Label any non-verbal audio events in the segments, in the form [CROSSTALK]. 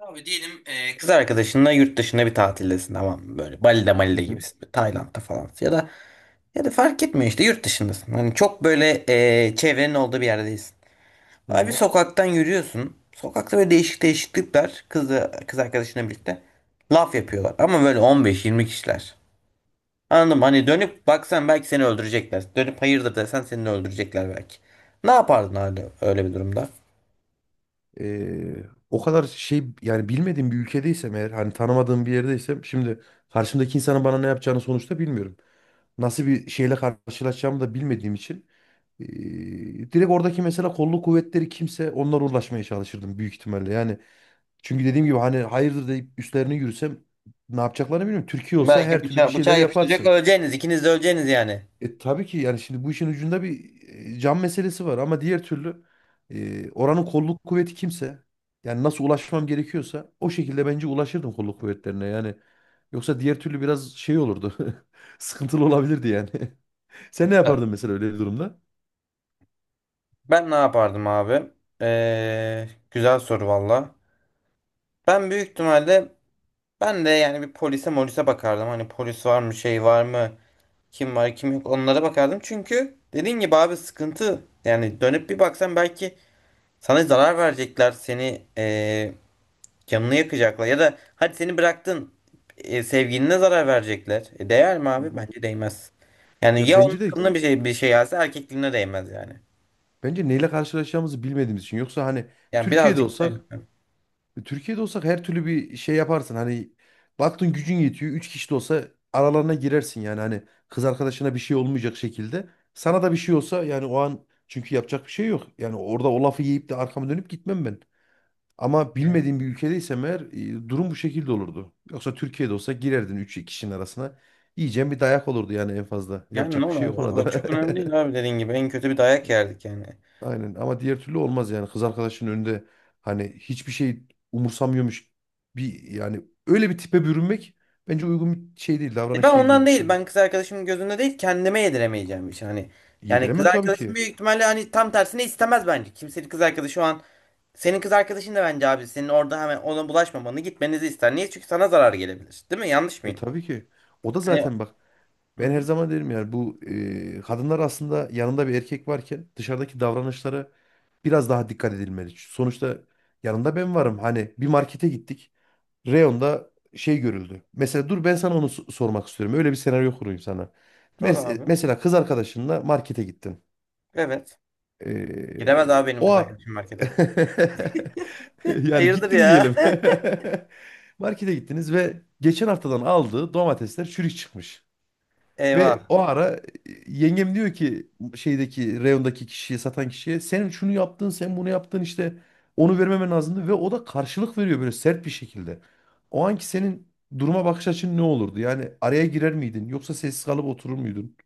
Abi diyelim kız arkadaşınla yurt dışında bir tatildesin, tamam mı? Böyle Bali'de Hı Mali'de hı. gibisin. Tayland'da falan. Ya da fark etmiyor işte, yurt dışındasın. Hani çok böyle çevrenin olduğu bir yerdeyiz. Hı Abi bir hı. sokaktan yürüyorsun. Sokakta böyle değişik değişiklikler kız arkadaşınla birlikte laf yapıyorlar. Ama böyle 15-20 kişiler. Anladım, hani dönüp baksan belki seni öldürecekler. Dönüp hayırdır desen seni de öldürecekler belki. Ne yapardın öyle, öyle bir durumda? Ee, O kadar şey, yani bilmediğim bir ülkedeysem eğer, hani tanımadığım bir yerdeysem, şimdi karşımdaki insanın bana ne yapacağını sonuçta bilmiyorum. Nasıl bir şeyle karşılaşacağımı da bilmediğim için ee, direkt oradaki, mesela kolluk kuvvetleri kimse, onlara ulaşmaya çalışırdım büyük ihtimalle. Yani çünkü dediğim gibi, hani hayırdır deyip üstlerine yürüsem ne yapacaklarını bilmiyorum. Türkiye olsa Belki her türlü bir şeyler bıçağı yapıştıracak, yaparsın. öleceğiniz. İkiniz de öleceğiniz yani. Tabii ki, yani şimdi bu işin ucunda bir can meselesi var, ama diğer türlü oranın kolluk kuvveti kimse, yani nasıl ulaşmam gerekiyorsa o şekilde bence ulaşırdım kolluk kuvvetlerine, yani yoksa diğer türlü biraz şey olurdu [LAUGHS] sıkıntılı olabilirdi yani. [LAUGHS] Sen ne yapardın mesela öyle bir durumda? Ben ne yapardım abi? Güzel soru valla. Ben büyük ihtimalle ben de yani bir polise molise bakardım. Hani polis var mı, şey var mı, kim var kim yok, onlara bakardım. Çünkü dediğin gibi abi, sıkıntı yani, dönüp bir baksan belki sana zarar verecekler, seni canını yakacaklar. Ya da hadi seni bıraktın, sevgiline zarar verecekler. E, değer mi Hı abi? hı. Bence değmez. Yani Ya ya onun bence de kılına bir şey gelse, erkekliğine değmez yani. bence neyle karşılaşacağımızı bilmediğimiz için. Yoksa hani Yani Türkiye'de birazcık olsak öyle. Türkiye'de olsak her türlü bir şey yaparsın. Hani baktın gücün yetiyor. Üç kişi de olsa aralarına girersin yani. Hani kız arkadaşına bir şey olmayacak şekilde. Sana da bir şey olsa yani, o an çünkü yapacak bir şey yok. Yani orada o lafı yiyip de arkama dönüp gitmem ben. Ama bilmediğim bir ülkedeysem eğer, durum bu şekilde olurdu. Yoksa Türkiye'de olsa girerdin üç kişinin arasına. Yiyeceğin bir dayak olurdu yani, en fazla. Yani ne Yapacak bir olur şey yok O, ona o da. çok önemli [LAUGHS] değil abi, dediğin gibi. En kötü bir dayak yerdik yani. Aynen, ama diğer türlü olmaz yani, kız arkadaşının önünde hani hiçbir şey umursamıyormuş bir, yani öyle bir tipe bürünmek bence uygun bir şey değil, E ben davranış değil diye ondan değil. düşünüyorum. Ben kız arkadaşımın gözünde değil, kendime yediremeyeceğim bir şey. Hani yani kız Yediremem tabii arkadaşım ki. büyük ihtimalle hani tam tersine istemez bence. Kimsenin kız arkadaşı şu an, senin kız arkadaşın da bence abi senin orada hemen ona bulaşmamanı, gitmenizi ister. Niye? Çünkü sana zarar gelebilir. Değil mi? Yanlış mıyım? Tabii ki. O da Hani. zaten, bak Hı ben hı. her zaman derim yani, bu kadınlar aslında yanında bir erkek varken dışarıdaki davranışlara biraz daha dikkat edilmeli. Sonuçta yanında ben varım. Hani bir markete gittik. Reyonda şey görüldü. Mesela dur, ben sana onu sormak istiyorum. Öyle bir senaryo kurayım sana. Doğru Mes- e, abi. mesela kız arkadaşınla markete gittin. Evet. Giremez Ee, abi benim o kız a- arkadaşım markete. [LAUGHS] [LAUGHS] yani Hayırdır gittin ya? diyelim. [LAUGHS] Markete gittiniz ve geçen haftadan aldığı domatesler çürük çıkmış. [LAUGHS] Ve Eyvah. o ara, yengem diyor ki şeydeki, reyondaki kişiye, satan kişiye, sen şunu yaptın sen bunu yaptın işte, onu vermemen lazımdı, ve o da karşılık veriyor böyle sert bir şekilde. O anki senin duruma bakış açın ne olurdu? Yani araya girer miydin yoksa sessiz kalıp oturur muydun?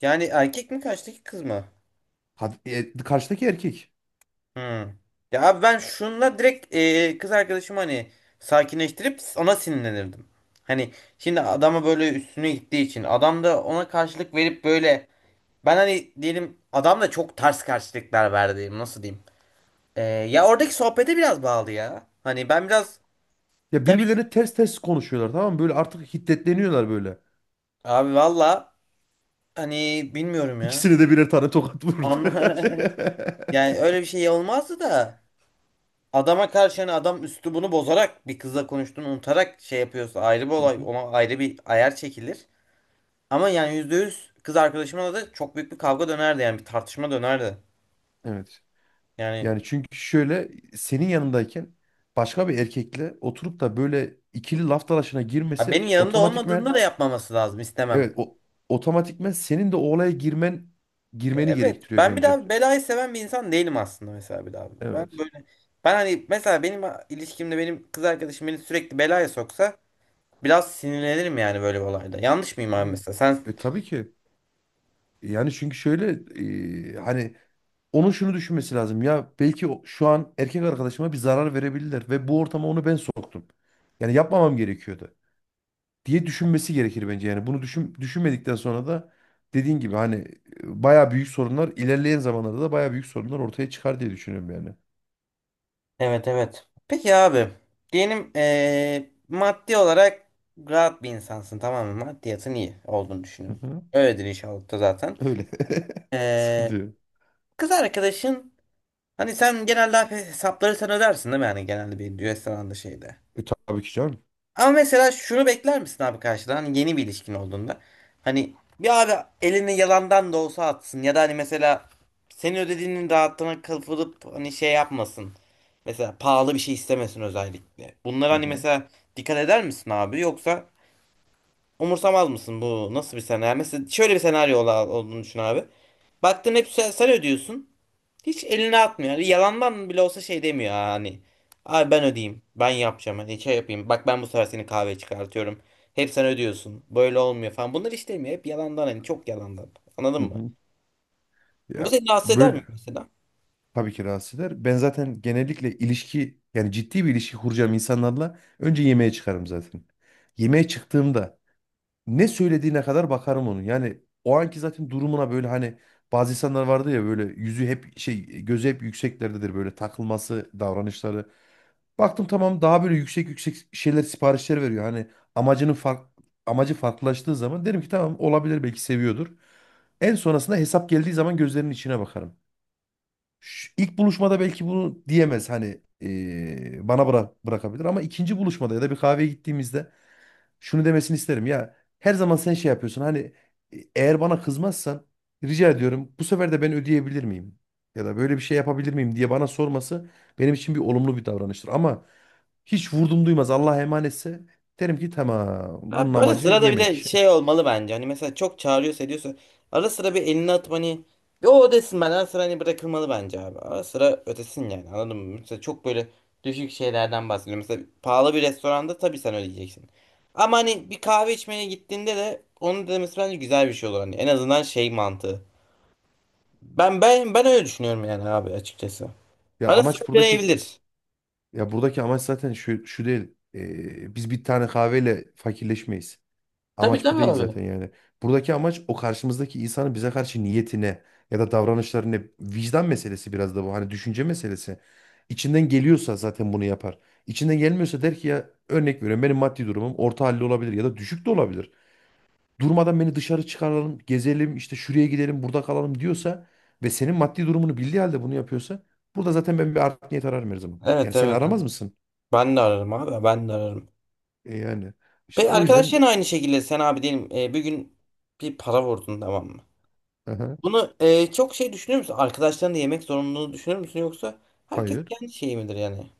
Yani erkek mi karşıdaki, kız mı? Karşıdaki erkek. Hmm. Ya abi ben şunla direkt kız arkadaşımı hani sakinleştirip ona sinirlenirdim. Hani şimdi adama böyle üstüne gittiği için adam da ona karşılık verip böyle, ben hani diyelim adam da çok ters karşılıklar verdi, nasıl diyeyim. E, ya oradaki sohbete biraz bağlı ya. Hani ben biraz, Ya tabii birbirlerine ters ters konuşuyorlar, tamam mı? Böyle artık hiddetleniyorlar böyle. abi valla, hani bilmiyorum ya. İkisine de birer tane tokat vurdu Anla, herhalde. [LAUGHS] yani öyle bir şey olmazdı da. Adama karşı hani, adam üslubunu bozarak bir kızla konuştuğunu unutarak şey yapıyorsa ayrı bir [LAUGHS] Hı olay, hı. ona ayrı bir ayar çekilir. Ama yani %100 kız arkadaşımla da çok büyük bir kavga dönerdi yani, bir tartışma dönerdi. Evet. Yani Yani çünkü şöyle, senin yanındayken başka bir erkekle oturup da böyle ikili laf dalaşına ha, girmesi benim yanında olmadığında otomatikmen, da yapmaması lazım, istemem. evet, o otomatikmen senin de o olaya Ya girmeni evet, gerektiriyor ben bir bence. daha belayı seven bir insan değilim aslında mesela, bir daha. Ben Evet. böyle, ben hani mesela benim ilişkimde benim kız arkadaşım beni sürekli belaya soksa biraz sinirlenirim yani böyle bir olayda. Yanlış mıyım abi Hmm. mesela? Sen. Tabii ki. Yani çünkü şöyle, hani onun şunu düşünmesi lazım. Ya belki şu an erkek arkadaşıma bir zarar verebilirler, ve bu ortama onu ben soktum. Yani yapmamam gerekiyordu. Diye düşünmesi gerekir bence. Yani bunu düşünmedikten sonra da, dediğin gibi hani, bayağı büyük sorunlar, ilerleyen zamanlarda da bayağı büyük sorunlar ortaya çıkar diye düşünüyorum yani. Evet evet. Peki abi, diyelim maddi olarak rahat bir insansın, tamam mı? Maddiyatın iyi olduğunu Hı düşünüyorum. hı. Öyledir inşallah da zaten. Öyle. [LAUGHS] Sıkıntı Eee, yok. kız arkadaşın, hani sen genelde hep hesapları sen ödersin değil mi? Yani genelde bir restoranda, şeyde. Tabii ki canım. Ama mesela şunu bekler misin abi karşıdan? Hani yeni bir ilişkin olduğunda. Hani bir abi, elini yalandan da olsa atsın. Ya da hani mesela senin ödediğinin rahatlığına kapılıp hani şey yapmasın. Mesela pahalı bir şey istemesin özellikle. Bunlara Hı hani hı. mesela dikkat eder misin abi? Yoksa umursamaz mısın, bu nasıl bir senaryo? Yani mesela şöyle bir senaryo olduğunu düşün abi. Baktın hep sen ödüyorsun. Hiç eline atmıyor. Yani yalandan bile olsa şey demiyor ha, hani. Abi ben ödeyeyim. Ben yapacağım. Hani şey yapayım. Bak ben bu sefer seni kahveye çıkartıyorum. Hep sen ödüyorsun. Böyle olmuyor falan. Bunlar hiç demiyor. Hep yalandan, hani çok yalandan. Anladın Hı mı? hı. Bu Ya seni rahatsız eder mi böyle, mesela? tabii ki rahatsız eder. Ben zaten genellikle ilişki, yani ciddi bir ilişki kuracağım insanlarla, önce yemeğe çıkarım zaten. Yemeğe çıktığımda ne söylediğine kadar bakarım onun. Yani o anki zaten durumuna, böyle hani bazı insanlar vardı ya, böyle yüzü hep şey, gözü hep yükseklerdedir, böyle takılması, davranışları. Baktım tamam, daha böyle yüksek yüksek şeyler, siparişler veriyor. Hani amacının fark, amacı farklılaştığı zaman derim ki, tamam, olabilir, belki seviyordur. En sonrasında hesap geldiği zaman gözlerinin içine bakarım. Şu, ilk buluşmada belki bunu diyemez hani, bana bırakabilir, ama ikinci buluşmada ya da bir kahveye gittiğimizde şunu demesini isterim. Ya her zaman sen şey yapıyorsun. Hani, eğer bana kızmazsan, rica ediyorum bu sefer de ben ödeyebilir miyim? Ya da böyle bir şey yapabilir miyim diye bana sorması, benim için bir olumlu bir davranıştır. Ama hiç vurdum duymaz, Allah'a emanetse, derim ki tamam, bunun Abi böyle amacı sırada bir de yemek. şey [LAUGHS] olmalı bence. Hani mesela çok çağırıyorsa, ediyorsa, ara sıra bir elini atıp hani bir o desin, ben ara sıra hani bırakılmalı bence abi. Ara sıra ötesin yani, anladın mı? Mesela çok böyle düşük şeylerden bahsediyorum. Mesela pahalı bir restoranda tabii sen ödeyeceksin. Ama hani bir kahve içmeye gittiğinde de onun demesi bence güzel bir şey olur. Hani en azından şey mantığı. Ben öyle düşünüyorum yani abi, açıkçası. Ya Ara sıra amaç buradaki, deneyebilir. ya buradaki amaç zaten şu değil. Biz bir tane kahveyle fakirleşmeyiz. Tabii Amaç bu tabii değil abi. zaten yani. Buradaki amaç o karşımızdaki insanın bize karşı niyetine ya da davranışlarına, vicdan meselesi biraz da bu. Hani düşünce meselesi. İçinden geliyorsa zaten bunu yapar. İçinden gelmiyorsa der ki, ya örnek veriyorum, benim maddi durumum orta halli olabilir ya da düşük de olabilir. Durmadan beni dışarı çıkaralım, gezelim, işte şuraya gidelim, burada kalalım diyorsa, ve senin maddi durumunu bildiği halde bunu yapıyorsa, burada zaten ben bir art niyet ararım her zaman. Yani Evet sen evet. aramaz mısın? Ben de ararım abi. Ben de ararım. Yani işte Ve o yüzden. arkadaşların aynı şekilde, sen abi diyelim bir gün bir para vurdun, tamam mı? Aha, Bunu çok şey düşünür müsün? Arkadaşlarınla yemek zorunluluğunu düşünür müsün, yoksa herkes hayır. kendi şeyi midir yani?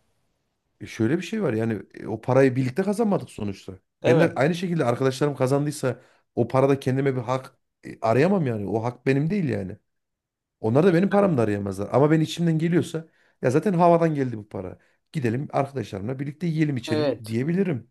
Şöyle bir şey var yani, o parayı birlikte kazanmadık sonuçta. Ben de Evet. aynı şekilde, arkadaşlarım kazandıysa o parada kendime bir hak arayamam yani. O hak benim değil yani. Onlar da benim paramda arayamazlar. Ama ben içimden geliyorsa, ya zaten havadan geldi bu para, gidelim arkadaşlarımla birlikte yiyelim içelim Evet. diyebilirim.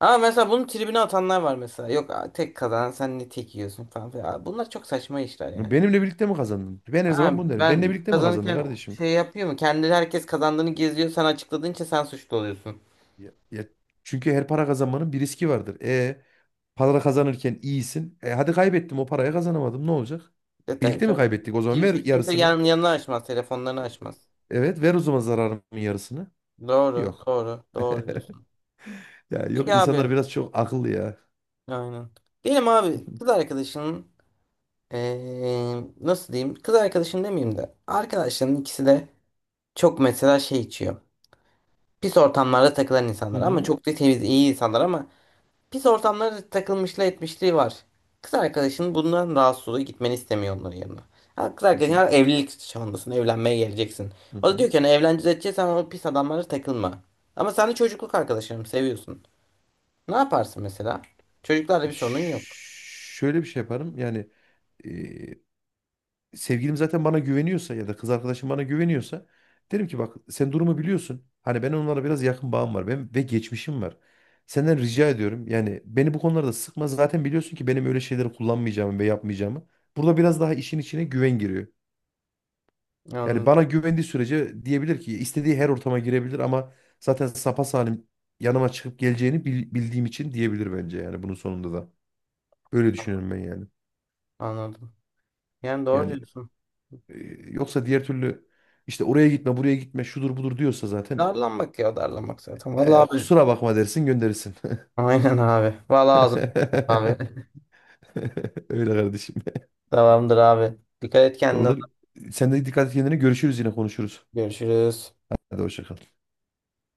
Ama mesela bunun tribine atanlar var mesela. Yok tek kazanan sen, ne tek yiyorsun falan filan. Abi bunlar çok saçma işler yani. Benimle birlikte mi kazandın? Ben her Ha, zaman bunu derim. Benimle ben birlikte mi kazandın kazanırken kardeşim? şey yapıyor mu? Kendi, herkes kazandığını geziyor. Sen açıkladığın için sen suçlu oluyorsun. Ya çünkü her para kazanmanın bir riski vardır. Para kazanırken iyisin. Hadi kaybettim o parayı, kazanamadım, ne olacak? E tabii Birlikte mi tabii. kaybettik? O zaman ver Kimse yarısını. Yanına açmaz. Telefonlarını açmaz. Evet, ver o zaman zararımın yarısını. Doğru Yok. doğru doğru diyorsun. Ya, Peki yok, abi. insanlar biraz çok akıllı ya. Aynen. Diyelim abi kız [LAUGHS] arkadaşının, nasıl diyeyim? Kız arkadaşın demeyeyim de, arkadaşların ikisi de çok mesela şey içiyor. Pis ortamlarda takılan Hı insanlar ama hı. çok da temiz iyi insanlar, ama pis ortamlarda takılmışlığı, etmişliği var. Kız arkadaşın bundan rahatsız oluyor, gitmeni istemiyor onların yanına. Ha, kız Hı arkadaşın hı. ha, evlilik çağındasın, evlenmeye geleceksin. Hı O da hı. diyor ki hani evleneceğiz edeceksen, o pis adamlara takılma. Ama sen de çocukluk arkadaşlarım seviyorsun. Ne yaparsın mesela? Çocuklarla bir sorunun yok. Ş- Şöyle bir şey yaparım. Yani, e, sevgilim zaten bana güveniyorsa ya da kız arkadaşım bana güveniyorsa, derim ki bak, sen durumu biliyorsun. Hani ben onlara biraz yakın, bağım var, ben, ve geçmişim var. Senden rica ediyorum. Yani beni bu konularda sıkma. Zaten biliyorsun ki benim öyle şeyleri kullanmayacağımı ve yapmayacağımı. Burada biraz daha işin içine güven giriyor. Yani Anladım. bana güvendiği sürece diyebilir ki istediği her ortama girebilir, ama zaten sapasalim yanıma çıkıp geleceğini bildiğim için diyebilir bence yani, bunun sonunda da. Öyle düşünüyorum ben yani. Anladım. Yani doğru Yani, diyorsun. e, yoksa diğer türlü, işte oraya gitme buraya gitme şudur budur diyorsa zaten, Darlanmak ya, darlanmak zaten. Vallahi abi. kusura bakma dersin, gönderirsin. Aynen abi. Vallahi [LAUGHS] ağzım abi. [LAUGHS] Öyle kardeşim. Tamamdır abi. Dikkat et kendine. Tamamdır. Sen de dikkat et kendine, görüşürüz, yine konuşuruz. Görüşürüz. Hadi hoşça kal.